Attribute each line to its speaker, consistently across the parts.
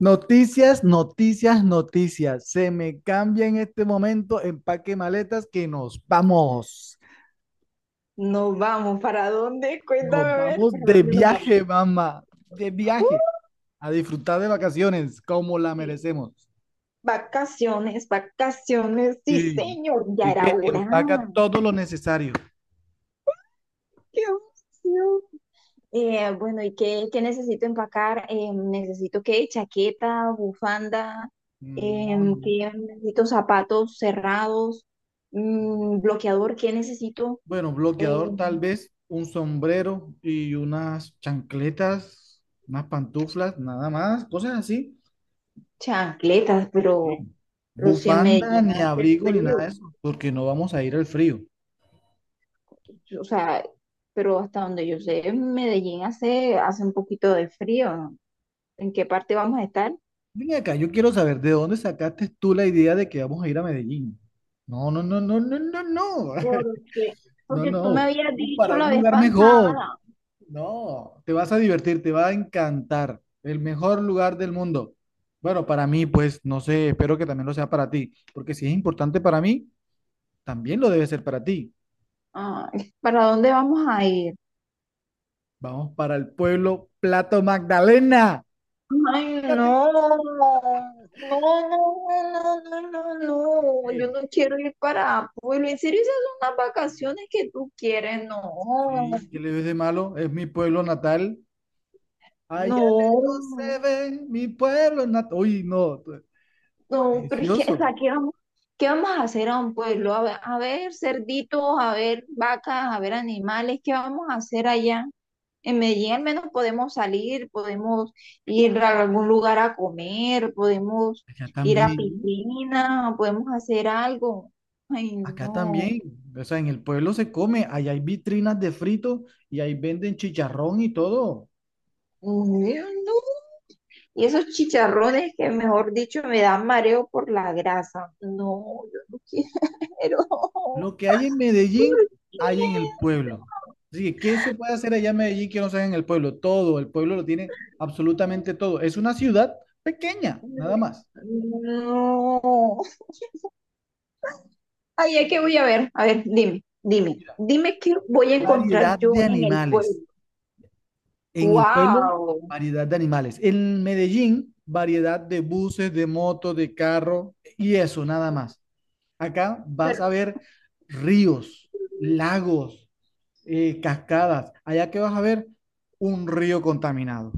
Speaker 1: Noticias, noticias, noticias. Se me cambia en este momento empaque maletas que nos vamos.
Speaker 2: Nos vamos, ¿para dónde? Cuéntame
Speaker 1: Nos
Speaker 2: a ver,
Speaker 1: vamos
Speaker 2: ¿para
Speaker 1: de
Speaker 2: dónde nos vamos?
Speaker 1: viaje, mamá. De viaje. A disfrutar de vacaciones como la
Speaker 2: Sí.
Speaker 1: merecemos.
Speaker 2: Vacaciones, vacaciones, sí,
Speaker 1: Sí.
Speaker 2: señor, ya
Speaker 1: Así
Speaker 2: era
Speaker 1: que
Speaker 2: hora.
Speaker 1: empaca todo lo necesario.
Speaker 2: ¡Qué emoción! Bueno, ¿y qué necesito empacar? Necesito qué, chaqueta, bufanda,
Speaker 1: No, no.
Speaker 2: ¿qué? Necesito zapatos cerrados, bloqueador, ¿qué necesito?
Speaker 1: Bueno, bloqueador tal
Speaker 2: Em,
Speaker 1: vez, un sombrero y unas chancletas, unas pantuflas, nada más, cosas así.
Speaker 2: Chancletas, pero,
Speaker 1: Sí.
Speaker 2: pero si me
Speaker 1: Bufanda,
Speaker 2: llega
Speaker 1: ni
Speaker 2: a hacer
Speaker 1: abrigo, ni nada de
Speaker 2: frío.
Speaker 1: eso, porque no vamos a ir al frío.
Speaker 2: O sea, pero hasta donde yo sé, en Medellín hace un poquito de frío, ¿no? ¿En qué parte vamos a estar?
Speaker 1: Ven acá, yo quiero saber de dónde sacaste tú la idea de que vamos a ir a Medellín. No, no, no, no, no, no, no.
Speaker 2: Porque,
Speaker 1: No,
Speaker 2: porque tú me
Speaker 1: no.
Speaker 2: habías
Speaker 1: Vamos
Speaker 2: dicho
Speaker 1: para
Speaker 2: la
Speaker 1: un
Speaker 2: vez
Speaker 1: lugar mejor.
Speaker 2: pasada.
Speaker 1: No, te vas a divertir, te va a encantar. El mejor lugar del mundo. Bueno, para mí, pues, no sé, espero que también lo sea para ti, porque si es importante para mí, también lo debe ser para ti.
Speaker 2: Ay, ¿para dónde vamos a ir?
Speaker 1: Vamos para el pueblo Plato Magdalena.
Speaker 2: Ay,
Speaker 1: Fíjate.
Speaker 2: no, no, no, no, no, no, no, yo
Speaker 1: Sí.
Speaker 2: no quiero ir para Pueblo. En serio, esas son las vacaciones que tú quieres, no,
Speaker 1: Sí, ¿qué le ves de malo? Es mi pueblo natal. Allá lejos se
Speaker 2: no.
Speaker 1: ve mi pueblo natal. Uy, no,
Speaker 2: No, pero es que, o
Speaker 1: delicioso.
Speaker 2: sea, ¿qué vamos a hacer a un pueblo? A ver cerditos, a ver vacas, a ver animales, ¿qué vamos a hacer allá? En Medellín al menos podemos salir, podemos ir a algún lugar a comer, podemos
Speaker 1: Allá
Speaker 2: ir a
Speaker 1: también,
Speaker 2: piscina, podemos hacer algo. Ay,
Speaker 1: acá
Speaker 2: no.
Speaker 1: también. O sea, en el pueblo se come, allá hay vitrinas de frito y ahí venden chicharrón y todo.
Speaker 2: Ay, no. Y esos chicharrones que, mejor dicho, me dan mareo por la grasa. No, yo no quiero.
Speaker 1: Lo que hay en
Speaker 2: ¿Por
Speaker 1: Medellín,
Speaker 2: qué?
Speaker 1: hay en el pueblo. Así que, ¿qué se puede hacer allá en Medellín que no sea en el pueblo? Todo, el pueblo lo tiene absolutamente todo. Es una ciudad pequeña, nada más.
Speaker 2: No. Ay, ¿a qué voy a ver? A ver, dime, dime,
Speaker 1: Mira,
Speaker 2: dime qué voy a encontrar
Speaker 1: variedad
Speaker 2: yo
Speaker 1: de
Speaker 2: en el pueblo.
Speaker 1: animales. En el pueblo,
Speaker 2: Wow.
Speaker 1: variedad de animales. En Medellín, variedad de buses, de motos, de carro y eso, nada más. Acá
Speaker 2: Pero
Speaker 1: vas a ver ríos, lagos, cascadas. Allá que vas a ver un río contaminado.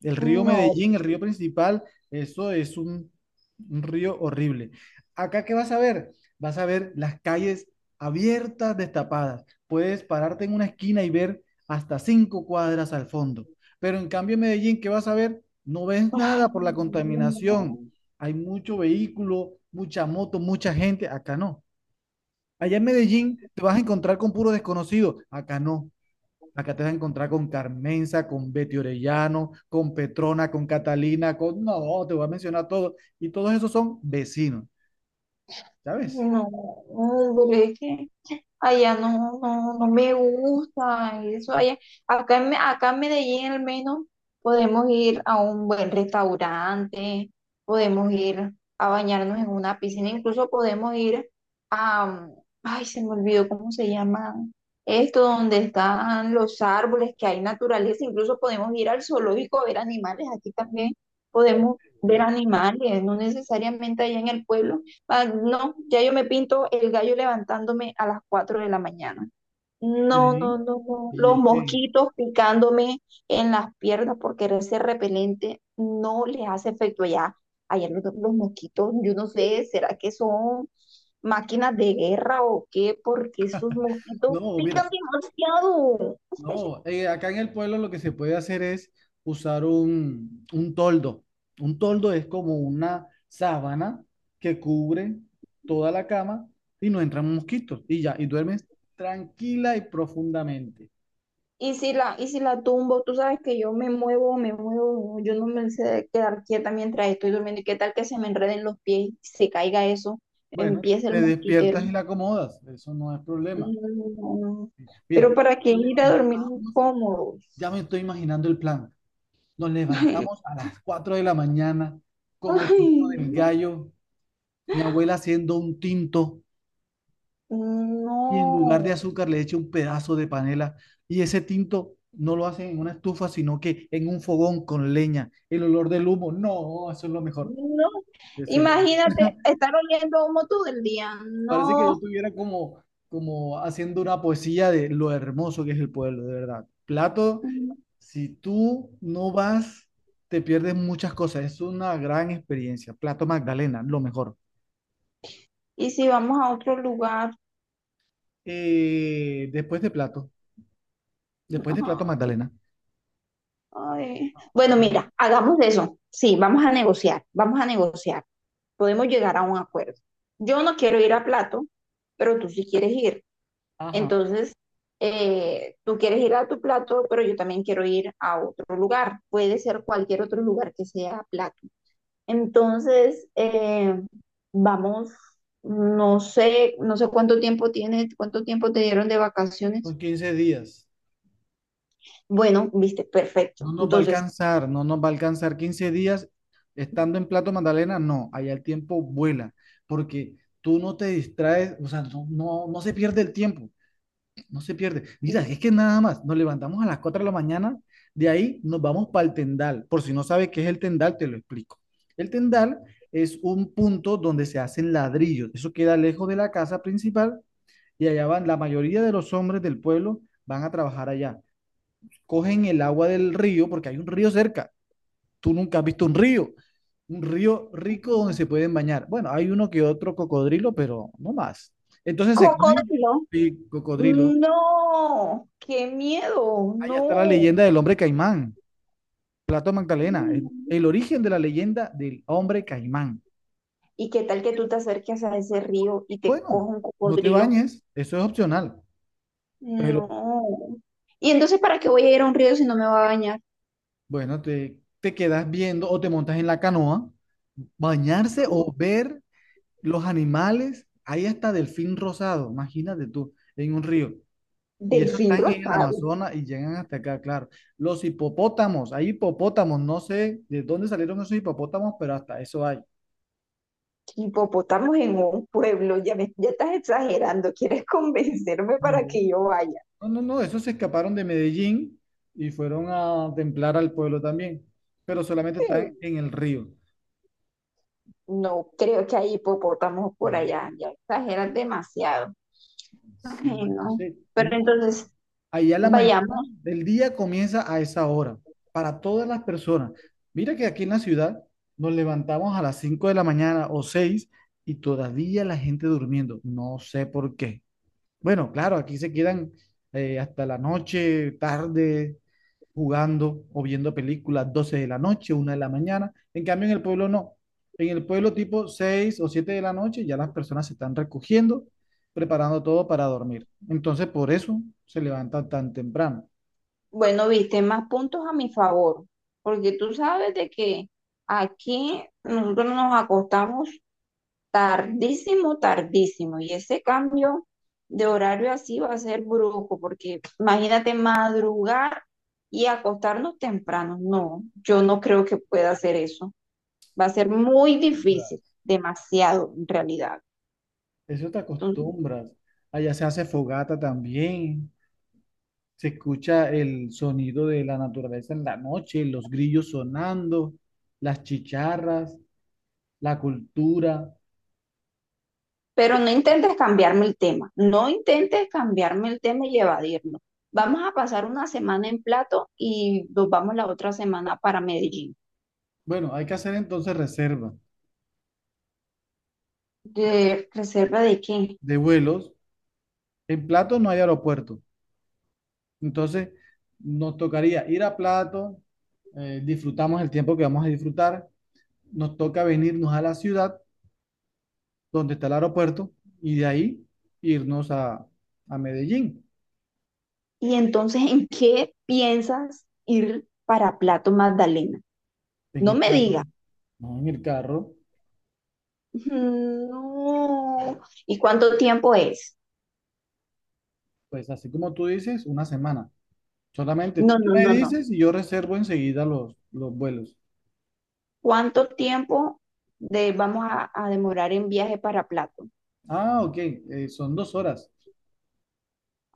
Speaker 1: El río
Speaker 2: no.
Speaker 1: Medellín, el río principal, eso es un río horrible. Acá, ¿qué vas a ver? Vas a ver las calles abiertas, destapadas. Puedes pararte en una esquina y ver hasta 5 cuadras al fondo. Pero en cambio, en Medellín, ¿qué vas a ver? No ves
Speaker 2: Ay,
Speaker 1: nada por la contaminación. Hay mucho vehículo, mucha moto, mucha gente. Acá no. Allá en Medellín te vas a encontrar con puro desconocido. Acá no. Acá te vas a encontrar con Carmenza, con Betty Orellano, con Petrona, con Catalina, con... No, te voy a mencionar todo. Y todos esos son vecinos,
Speaker 2: no,
Speaker 1: ¿sabes?
Speaker 2: no, no, de verdad que allá no, no, no me gusta eso allá. Acá en Medellín al menos podemos ir a un buen restaurante, podemos ir a bañarnos en una piscina, incluso podemos ir a, ay, se me olvidó cómo se llama esto, donde están los árboles, que hay naturaleza, incluso podemos ir al zoológico a ver animales, aquí también podemos ver animales, no necesariamente allá en el pueblo. Ah, no, ya yo me pinto el gallo levantándome a las 4 de la mañana. No, no,
Speaker 1: Sí.
Speaker 2: no, no.
Speaker 1: Y
Speaker 2: Los
Speaker 1: es que...
Speaker 2: mosquitos picándome en las piernas porque ese repelente no les hace efecto allá. Allá los mosquitos, yo no sé, ¿será que son máquinas de guerra o qué? Porque esos mosquitos
Speaker 1: No, mira,
Speaker 2: pican demasiado.
Speaker 1: no. Acá en el pueblo lo que se puede hacer es usar un toldo. Un toldo es como una sábana que cubre toda la cama y no entran mosquitos. Y ya, y duermes tranquila y profundamente.
Speaker 2: Y si la tumbo, tú sabes que yo me muevo, yo no me sé quedar quieta mientras estoy durmiendo. ¿Y qué tal que se me enreden los pies, se caiga eso,
Speaker 1: Bueno,
Speaker 2: empieza el
Speaker 1: te
Speaker 2: mosquitero?
Speaker 1: despiertas y la acomodas, eso no es
Speaker 2: No,
Speaker 1: problema.
Speaker 2: no, no. No, no. Pero
Speaker 1: Mira,
Speaker 2: ¿para qué
Speaker 1: nos
Speaker 2: ir a dormir
Speaker 1: levantamos, ya
Speaker 2: incómodos?
Speaker 1: me estoy imaginando el plan. Nos levantamos a las 4 de la mañana con el
Speaker 2: Ay,
Speaker 1: sonido del
Speaker 2: no,
Speaker 1: gallo, mi abuela haciendo un tinto y en lugar de
Speaker 2: no,
Speaker 1: azúcar le echa un pedazo de panela y ese tinto no lo hacen en una estufa, sino que en un fogón con leña. El olor del humo, no, eso es lo mejor.
Speaker 2: no.
Speaker 1: Eso es lo mejor.
Speaker 2: Imagínate estar oliendo humo todo el día.
Speaker 1: Parece que yo
Speaker 2: No.
Speaker 1: estuviera como, como haciendo una poesía de lo hermoso que es el pueblo, de verdad. Plato, si tú no vas, te pierdes muchas cosas. Es una gran experiencia. Plato Magdalena, lo mejor.
Speaker 2: Y si vamos a otro lugar.
Speaker 1: Después de Plato, después de Plato Magdalena.
Speaker 2: Ay, bueno,
Speaker 1: Ya.
Speaker 2: mira, hagamos eso. Sí, vamos a negociar, vamos a negociar. Podemos llegar a un acuerdo. Yo no quiero ir a Plato, pero tú sí quieres ir.
Speaker 1: Ajá,
Speaker 2: Entonces, tú quieres ir a tu Plato, pero yo también quiero ir a otro lugar. Puede ser cualquier otro lugar que sea Plato. Entonces, vamos, no sé cuánto tiempo tienes, cuánto tiempo te dieron de
Speaker 1: son
Speaker 2: vacaciones.
Speaker 1: 15 días.
Speaker 2: Bueno, viste, perfecto.
Speaker 1: No nos va a
Speaker 2: Entonces,
Speaker 1: alcanzar, no nos va a alcanzar 15 días estando en Plato Magdalena. No, allá el tiempo vuela, porque tú no te distraes, o sea, no, no se pierde el tiempo. No se pierde. Mira, es que nada más, nos levantamos a las 4 de la mañana, de ahí nos vamos para el tendal. Por si no sabes qué es el tendal, te lo explico. El tendal es un punto donde se hacen ladrillos. Eso queda lejos de la casa principal y allá van, la mayoría de los hombres del pueblo van a trabajar allá. Cogen el agua del río, porque hay un río cerca. Tú nunca has visto un río. Un río rico donde se pueden bañar. Bueno, hay uno que otro cocodrilo, pero no más. Entonces se cogen
Speaker 2: cocodrilo.
Speaker 1: sí, cocodrilos.
Speaker 2: No, qué miedo,
Speaker 1: Allá está la
Speaker 2: no.
Speaker 1: leyenda del hombre caimán, Plato Magdalena, es el origen de la leyenda del hombre caimán.
Speaker 2: ¿Y qué tal que tú te acerques a ese río y te coja
Speaker 1: Bueno,
Speaker 2: un
Speaker 1: no te
Speaker 2: cocodrilo?
Speaker 1: bañes, eso es opcional, pero
Speaker 2: No. ¿Y entonces para qué voy a ir a un río si no me va a bañar?
Speaker 1: bueno, te quedas viendo o te montas en la canoa, bañarse o ver los animales, ahí hasta delfín rosado, imagínate tú, en un río. Y eso
Speaker 2: Delfín
Speaker 1: están en el
Speaker 2: rosado,
Speaker 1: Amazonas y llegan hasta acá, claro. Los hipopótamos, hay hipopótamos, no sé de dónde salieron esos hipopótamos, pero hasta eso hay.
Speaker 2: hipopótamos en un pueblo, ya estás exagerando, ¿quieres convencerme para
Speaker 1: No.
Speaker 2: que yo vaya?
Speaker 1: No, no, no, esos se escaparon de Medellín y fueron a templar al pueblo también, pero solamente
Speaker 2: Eh,
Speaker 1: están en el río.
Speaker 2: No, creo que hay hipopótamos por
Speaker 1: Bueno,
Speaker 2: allá, ya exageras demasiado.
Speaker 1: sí,
Speaker 2: Ay, no.
Speaker 1: entonces,
Speaker 2: Pero
Speaker 1: uno,
Speaker 2: entonces,
Speaker 1: allá la mañana
Speaker 2: vayamos.
Speaker 1: del día comienza a esa hora, para todas las personas. Mira que aquí en la ciudad nos levantamos a las 5 de la mañana o 6 y todavía la gente durmiendo, no sé por qué. Bueno, claro, aquí se quedan hasta la noche, tarde, jugando o viendo películas 12 de la noche, 1 de la mañana. En cambio, en el pueblo no. En el pueblo tipo 6 o 7 de la noche ya las personas se están recogiendo, preparando todo para dormir. Entonces, por eso se levantan tan temprano.
Speaker 2: Bueno, viste, más puntos a mi favor, porque tú sabes de que aquí nosotros nos acostamos tardísimo, tardísimo, y ese cambio de horario así va a ser brusco, porque imagínate madrugar y acostarnos temprano. No, yo no creo que pueda hacer eso. Va a ser muy difícil, demasiado en realidad.
Speaker 1: Eso te acostumbras. Allá se hace fogata también. Se escucha el sonido de la naturaleza en la noche, los grillos sonando, las chicharras, la cultura.
Speaker 2: Pero no intentes cambiarme el tema, no intentes cambiarme el tema y evadirlo. Vamos a pasar una semana en Plato y nos vamos la otra semana para Medellín.
Speaker 1: Bueno, hay que hacer entonces reserva
Speaker 2: ¿De reserva de qué?
Speaker 1: de vuelos. En Plato no hay aeropuerto. Entonces, nos tocaría ir a Plato, disfrutamos el tiempo que vamos a disfrutar, nos toca venirnos a la ciudad donde está el aeropuerto y de ahí irnos a Medellín
Speaker 2: Y entonces, ¿en qué piensas ir para Plato Magdalena?
Speaker 1: en
Speaker 2: No
Speaker 1: el
Speaker 2: me
Speaker 1: carro.
Speaker 2: digas,
Speaker 1: No en el carro,
Speaker 2: no. ¿Y cuánto tiempo es?
Speaker 1: pues así como tú dices, una semana. Solamente
Speaker 2: No,
Speaker 1: tú
Speaker 2: no,
Speaker 1: me
Speaker 2: no, no.
Speaker 1: dices y yo reservo enseguida los vuelos.
Speaker 2: ¿Cuánto tiempo vamos a demorar en viaje para Plato?
Speaker 1: Ah, ok, son 2 horas.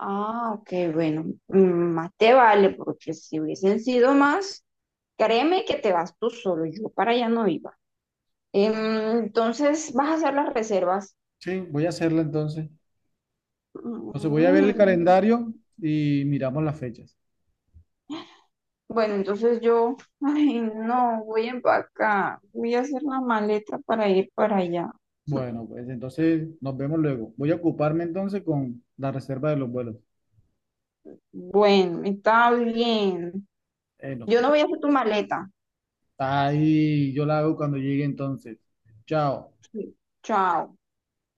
Speaker 2: Ah, ok, bueno, más te vale, porque si hubiesen sido más, créeme que te vas tú solo, yo para allá no iba. Entonces, vas a hacer las reservas.
Speaker 1: Sí, voy a hacerla entonces. Entonces voy a ver el
Speaker 2: Mm,
Speaker 1: calendario y miramos las fechas.
Speaker 2: bueno, entonces ay, no, voy a empacar, voy a hacer la maleta para ir para allá.
Speaker 1: Bueno, pues entonces nos vemos luego. Voy a ocuparme entonces con la reserva de los vuelos.
Speaker 2: Bueno, está bien.
Speaker 1: No,
Speaker 2: Yo
Speaker 1: pues,
Speaker 2: no voy a hacer tu maleta.
Speaker 1: ahí yo la hago cuando llegue entonces. Chao.
Speaker 2: Sí. Chao.